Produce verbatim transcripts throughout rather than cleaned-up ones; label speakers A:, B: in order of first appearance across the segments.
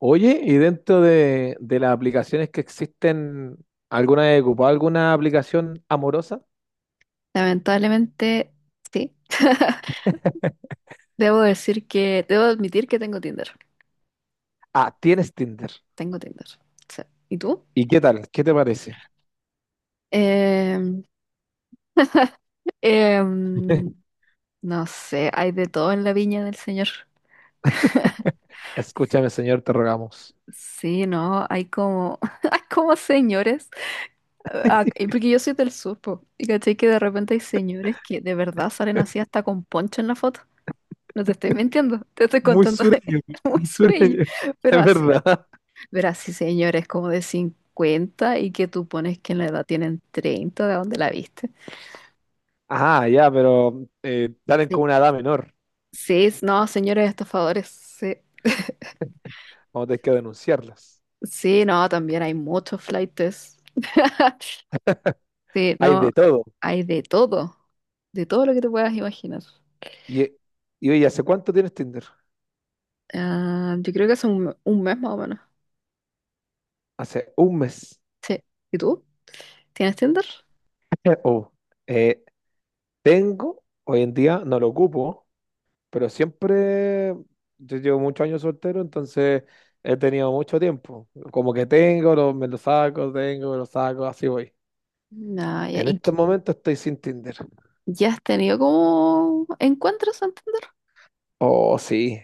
A: Oye, y dentro de, de las aplicaciones que existen, ¿alguna vez ocupado alguna aplicación amorosa?
B: Lamentablemente, sí. Debo decir que, debo admitir que tengo Tinder.
A: Ah, tienes Tinder.
B: Tengo Tinder. Sí. ¿Y tú?
A: ¿Y qué tal? ¿Qué te parece?
B: Em, em, no sé, hay de todo en la viña del señor.
A: Escúchame, señor, te rogamos.
B: Sí, no, hay como, hay como señores. Ah, ah, y porque yo soy del sur, po, y caché que de repente hay señores que de verdad salen así hasta con poncho en la foto. No te estoy mintiendo, te estoy
A: Muy
B: contando, es
A: sureño,
B: muy
A: muy
B: sureño,
A: sureño.
B: pero
A: Es
B: así.
A: verdad.
B: Verás, sí, señores, como de cincuenta y que tú pones que en la edad tienen treinta, ¿de dónde la viste?
A: Ah, ya, pero eh, salen
B: Sí,
A: con una edad menor.
B: sí, s- no, señores estafadores, sí,
A: Vamos a tener que denunciarlas.
B: sí, no, también hay muchos flaites. Sí,
A: Hay
B: no,
A: de todo.
B: hay de todo, de todo lo que te puedas imaginar.
A: Y, eh, y oye, ¿hace cuánto tienes Tinder?
B: Ah, yo creo que hace un, un mes más o menos.
A: Hace un mes.
B: Sí. ¿Y tú? ¿Tienes Tinder?
A: Oh, eh, tengo, hoy en día no lo ocupo. Pero siempre, yo llevo muchos años soltero, entonces he tenido mucho tiempo. Como que tengo, lo- me lo saco, tengo, me lo saco, así voy.
B: No, ya,
A: En
B: ¿y qué-
A: este momento estoy sin Tinder.
B: ya has tenido como encuentros en Tinder?
A: Oh, sí.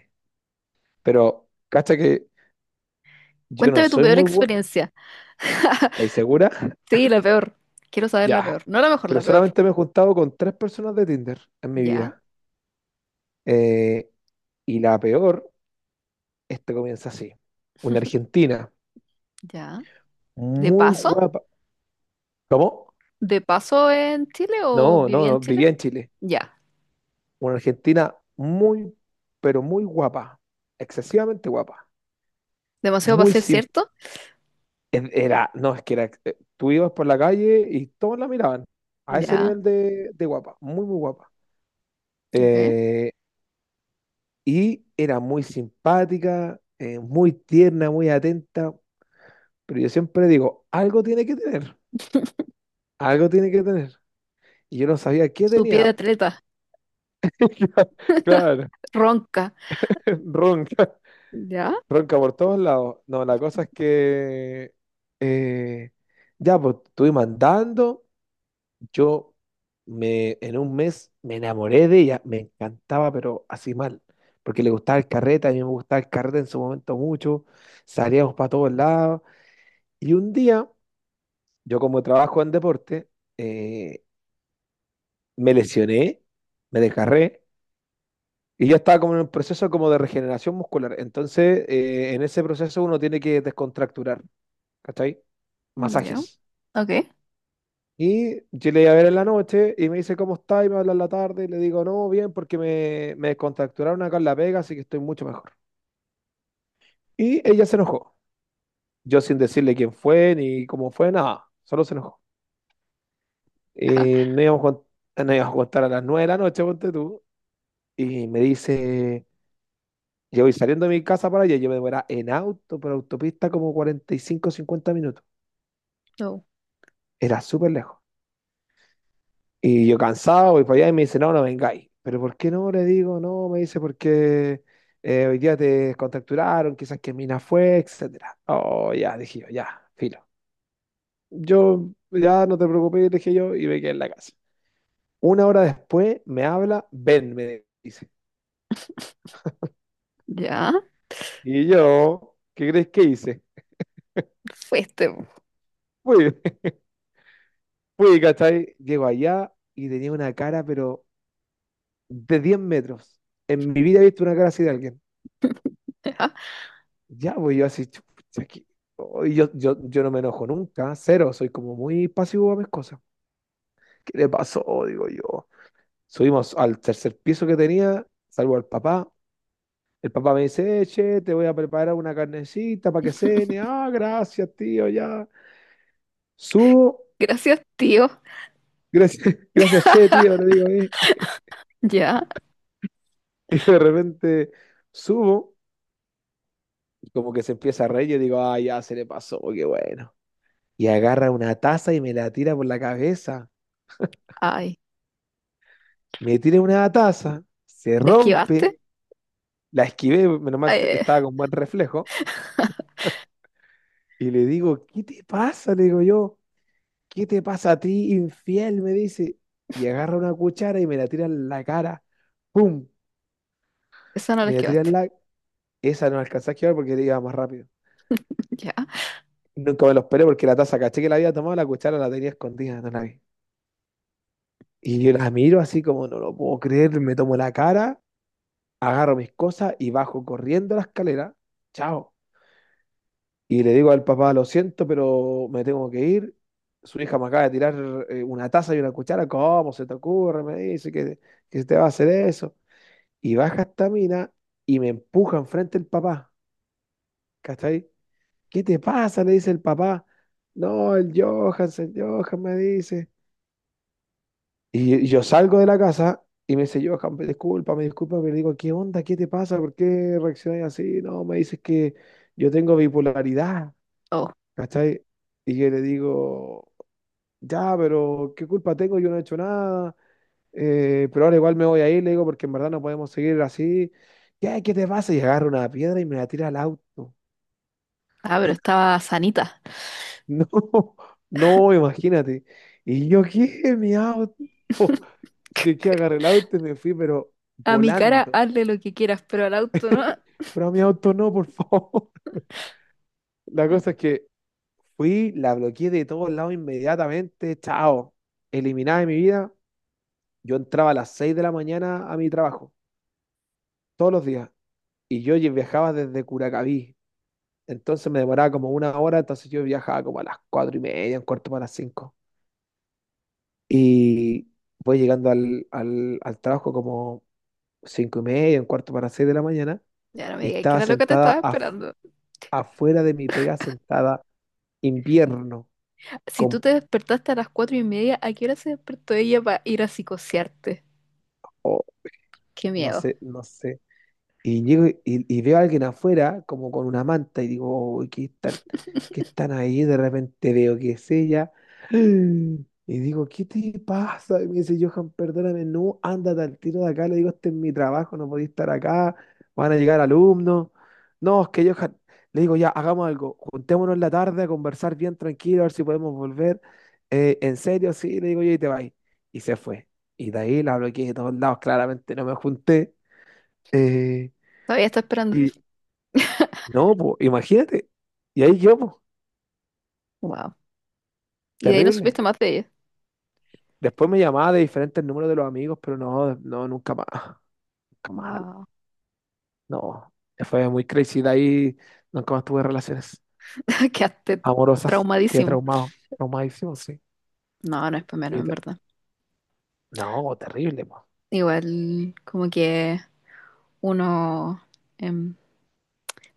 A: Pero, cacha que yo no
B: Cuéntame tu
A: soy
B: peor
A: muy bueno.
B: experiencia.
A: ¿Estáis segura?
B: Sí, la peor. Quiero saber la
A: Ya.
B: peor. No la mejor, la
A: Pero
B: peor.
A: solamente me he juntado con tres personas de Tinder en mi
B: Ya,
A: vida. Eh, y la peor, esto comienza así. Una argentina
B: ya. ¿De
A: muy
B: paso?
A: guapa. ¿Cómo?
B: ¿De paso en Chile o
A: No, no,
B: vivía en
A: no,
B: Chile?
A: vivía en Chile.
B: Ya.
A: Una argentina muy, pero muy guapa, excesivamente guapa,
B: Demasiado para
A: muy
B: ser
A: simple.
B: cierto.
A: Era, no, es que era, ex- eh, tú ibas por la calle y todos la miraban a ese
B: Ya,
A: nivel de, de guapa, muy, muy guapa.
B: ok.
A: Eh, y era muy simpática, eh, muy tierna, muy atenta, pero yo siempre digo, algo tiene que tener, algo tiene que tener. Y yo no sabía qué
B: Su pie de
A: tenía.
B: atleta,
A: Claro,
B: ronca.
A: ronca.
B: Ya,
A: Ronca por todos lados. No, la cosa es que eh, ya, pues estuve mandando. Yo me, en un mes me enamoré de ella, me encantaba, pero así mal, porque le gustaba el carrete, a mí me gustaba el carrete en su momento mucho, salíamos para todos lados. Y un día, yo como trabajo en deporte, eh, me lesioné, me desgarré. Y yo estaba como en un proceso como de regeneración muscular. Entonces, eh, en ese proceso uno tiene que descontracturar. ¿Cachai?
B: ya.
A: Masajes.
B: Ok.
A: Y yo le iba a ver en la noche y me dice, ¿cómo está? Y me habla en la tarde y le digo, no, bien, porque me, me descontracturaron acá en La Vega, así que estoy mucho mejor. Y ella se enojó. Yo sin decirle quién fue ni cómo fue, nada, solo se enojó.
B: Ya.
A: Y no íbamos, con- no íbamos a contar a las nueve de la noche, ponte tú. Y me dice, yo voy saliendo de mi casa para allá, yo me demoraba en auto por autopista como cuarenta y cinco cincuenta minutos.
B: No,
A: Era súper lejos. Y yo cansado voy para allá y me dice, no, no vengáis. Pero ¿por qué no? Le digo, no, me dice, porque eh, hoy día te contracturaron, quizás que mina fue, etcétera. Oh, ya, dije yo, ya, filo. Yo, ya, no te preocupes, le dije yo, y me quedé en la casa. Una hora después me habla, ven, me dice.
B: ya.
A: Y yo, ¿qué crees que hice?
B: Fuiste, po.
A: Fui, fui, ¿cachai? Llego allá y tenía una cara, pero de diez metros. En mi vida he visto una cara así de alguien.
B: Ya.
A: Ya, voy yo así, chupucha, aquí. Oh, y yo, yo, yo no me enojo nunca, cero, soy como muy pasivo a mis cosas. ¿Qué le pasó? Digo yo. Subimos al tercer piso que tenía, salvo al papá. El papá me dice, "Eh, che, te voy a preparar una carnecita para que cene. Ah, gracias, tío, ya. Subo,
B: Gracias, tío.
A: gracias, gracias, che, tío, le digo, eh.
B: Ya.
A: Y de repente subo, y como que se empieza a reír, y digo, ah, ya se le pasó, qué bueno. Y agarra una taza y me la tira por la cabeza.
B: Ay.
A: Me tiré una taza, se
B: ¿La
A: rompe,
B: esquivaste?
A: la esquivé, menos mal te-
B: Eh,
A: estaba con buen reflejo, y le digo, ¿qué te pasa? Le digo yo, ¿qué te pasa a ti, infiel? Me dice, y agarra una cuchara y me la tira en la cara, ¡pum!
B: esa no la
A: Me la tira en
B: esquivaste.
A: la... Esa no alcanzé a esquivar porque iba más rápido.
B: Ya.
A: Nunca me lo esperé porque la taza, caché que la había tomado, la cuchara la tenía escondida, no la vi. Y yo la miro así como, no lo puedo creer, me tomo la cara, agarro mis cosas y bajo corriendo la escalera. Chao. Y le digo al papá, lo siento, pero me tengo que ir. Su hija me acaba de tirar eh, una taza y una cuchara. ¿Cómo se te ocurre? Me dice que, que se te va a hacer eso. Y baja esta mina y me empuja enfrente el papá. ¿Cachai? ¿Qué te pasa? Le dice el papá. No, el Johan, el Johan me dice. Y y yo salgo de la casa y me dice, Johan, me disculpa, me disculpa, pero le digo, ¿qué onda? ¿Qué te pasa? ¿Por qué reaccionas así? No, me dices que yo tengo bipolaridad.
B: Oh.
A: ¿Cachai? Y yo le digo, ya, pero ¿qué culpa tengo? Yo no he hecho nada, eh, pero ahora igual me voy a ir, le digo, porque en verdad no podemos seguir así. ¿Qué, qué te pasa? Y agarro una piedra y me la tira al auto.
B: Ah, pero estaba sanita.
A: No, no, imagínate. Y yo, ¿qué? Mi auto. Así que que agarré el auto y me fui, pero
B: A mi cara,
A: volando.
B: hazle lo que quieras, pero al auto no.
A: Pero a mi auto no, por favor. La cosa es que fui, la bloqueé de todos lados inmediatamente. Chao. Eliminada de mi vida. Yo entraba a las seis de la mañana a mi trabajo, todos los días. Y yo lle- viajaba desde Curacaví. Entonces me demoraba como una hora, entonces yo viajaba como a las cuatro y media, un cuarto para las cinco. Y voy llegando al, al, al trabajo como cinco y media, un cuarto para seis de la mañana,
B: Ya no me
A: y
B: digas que
A: estaba
B: la loca te estaba
A: sentada af-
B: esperando.
A: afuera de mi pega, sentada invierno,
B: Si tú
A: con,
B: te despertaste a las cuatro y media, ¿a qué hora se despertó ella para ir a psicosearte?
A: oh,
B: Qué
A: no
B: miedo.
A: sé, no sé. Y llego y, y veo a alguien afuera, como con una manta, y digo, "Uy, ¿qué están, qué están ahí? De repente veo que es ella. Y digo, ¿qué te pasa? Y me dice, Johan, perdóname, no, ándate al tiro de acá. Le digo, este es mi trabajo, no podía estar acá, van a llegar alumnos. No, es que Johan, le digo, ya, hagamos algo, juntémonos en la tarde a conversar bien tranquilo, a ver si podemos volver. Eh, en serio, sí, le digo, yo y te vas. Y se fue. Y de ahí la bloqueé de todos lados, claramente no me junté. eh,
B: Todavía está esperando.
A: no, po, imagínate. Y ahí yo, po,
B: Wow. Y de ahí no
A: terrible.
B: supiste más de ella.
A: Después me llamaba de diferentes números de los amigos, pero no, no, nunca más. Nunca más.
B: Wow.
A: No, fue muy crazy. De ahí nunca más tuve relaciones
B: Quedaste
A: amorosas. Quedé
B: traumadísimo.
A: traumado, traumadísimo, sí.
B: No, no es para menos,
A: Y
B: en
A: te-
B: verdad.
A: No, terrible, po.
B: Igual, como que uno, em,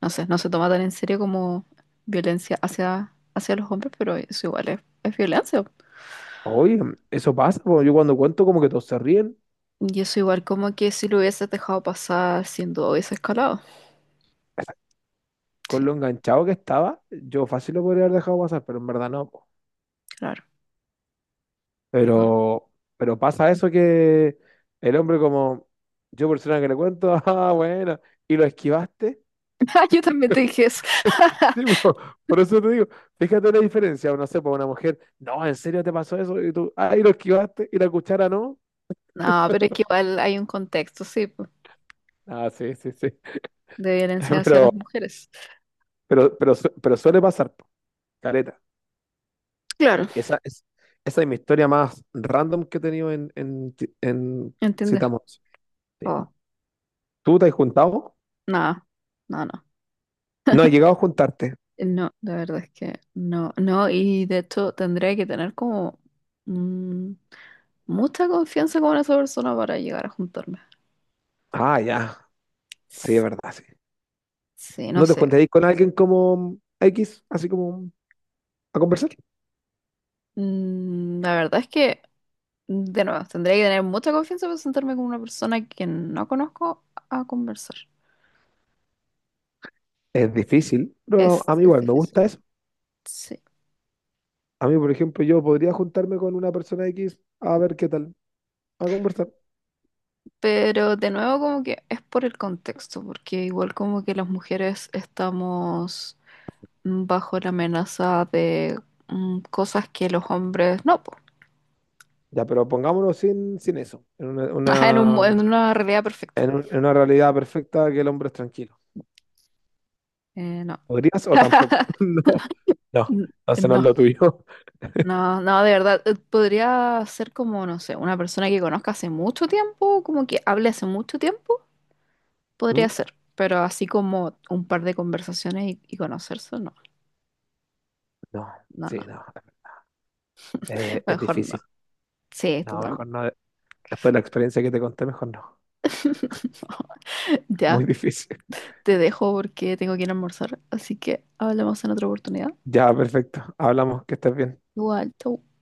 B: no sé, no se toma tan en serio como violencia hacia, hacia los hombres, pero eso igual es, es violencia.
A: Oye, eso pasa, po. Yo cuando cuento como que todos se ríen.
B: Y eso igual como que si lo hubieses dejado pasar, sin duda hubiese escalado.
A: Con
B: Sí,
A: lo enganchado que estaba, yo fácil lo podría haber dejado pasar, pero en verdad no.
B: claro. Obvio.
A: Pero, pero pasa eso que el hombre como yo persona que le cuento, ah, bueno, y lo esquivaste.
B: Yo también te dije eso.
A: Sí, po, por eso te digo, fíjate la diferencia, no sé, por una mujer, no, ¿en serio te pasó eso? Y tú, ah, y lo esquivaste, y la cuchara no.
B: No, pero es que igual hay un contexto, sí, po,
A: Ah, sí, sí, sí.
B: de violencia hacia
A: Pero,
B: las mujeres.
A: pero, pero, su- pero suele pasar, po, caleta.
B: Claro.
A: Esa es, esa es mi historia más random que he tenido en, en, en,
B: Entender.
A: Citamos. Sí.
B: Oh,
A: ¿Tú te has juntado?
B: no, no, no.
A: No, he llegado a juntarte.
B: Eh, no, la verdad es que no, no, y de hecho tendría que tener como mm, mucha confianza con esa persona para llegar a juntarme.
A: Ah, ya. Sí, es
B: S-
A: verdad, sí.
B: Sí, no
A: ¿No te
B: sé.
A: juntarías con alguien como equis, así como a conversar?
B: Mm, la verdad es que, de nuevo, tendría que tener mucha confianza para sentarme con una persona que no conozco a conversar.
A: Es difícil, pero
B: Es,
A: a mí
B: es
A: igual me
B: difícil.
A: gusta eso.
B: Sí.
A: A mí, por ejemplo, yo podría juntarme con una persona equis a ver qué tal, a conversar.
B: Pero de nuevo como que es por el contexto, porque igual como que las mujeres estamos mm, bajo la amenaza de mm, cosas que los hombres no, po.
A: Ya, pero pongámonos sin, sin eso, en una,
B: En un mu-
A: una-
B: en una realidad perfecta.
A: en un- en una realidad perfecta que el hombre es tranquilo.
B: Eh, no.
A: ¿Podrías o tampoco? No, no,
B: N-
A: entonces no es
B: No,
A: lo tuyo.
B: no, no, de verdad. eh, Podría ser como, no sé, una persona que conozca hace mucho tiempo, como que hable hace mucho tiempo,
A: Mm.
B: podría ser. Pero así como un par de conversaciones y, y conocerse, no,
A: No,
B: no, no.
A: sí, no, es, es
B: Mejor no.
A: difícil.
B: Sí,
A: No,
B: totalmente.
A: mejor no. Después de la experiencia que te conté, mejor no. Muy
B: Ya,
A: difícil.
B: te dejo porque tengo que ir a almorzar, así que hablamos en otra oportunidad.
A: Ya, perfecto. Hablamos, que estés bien.
B: Igual, chau.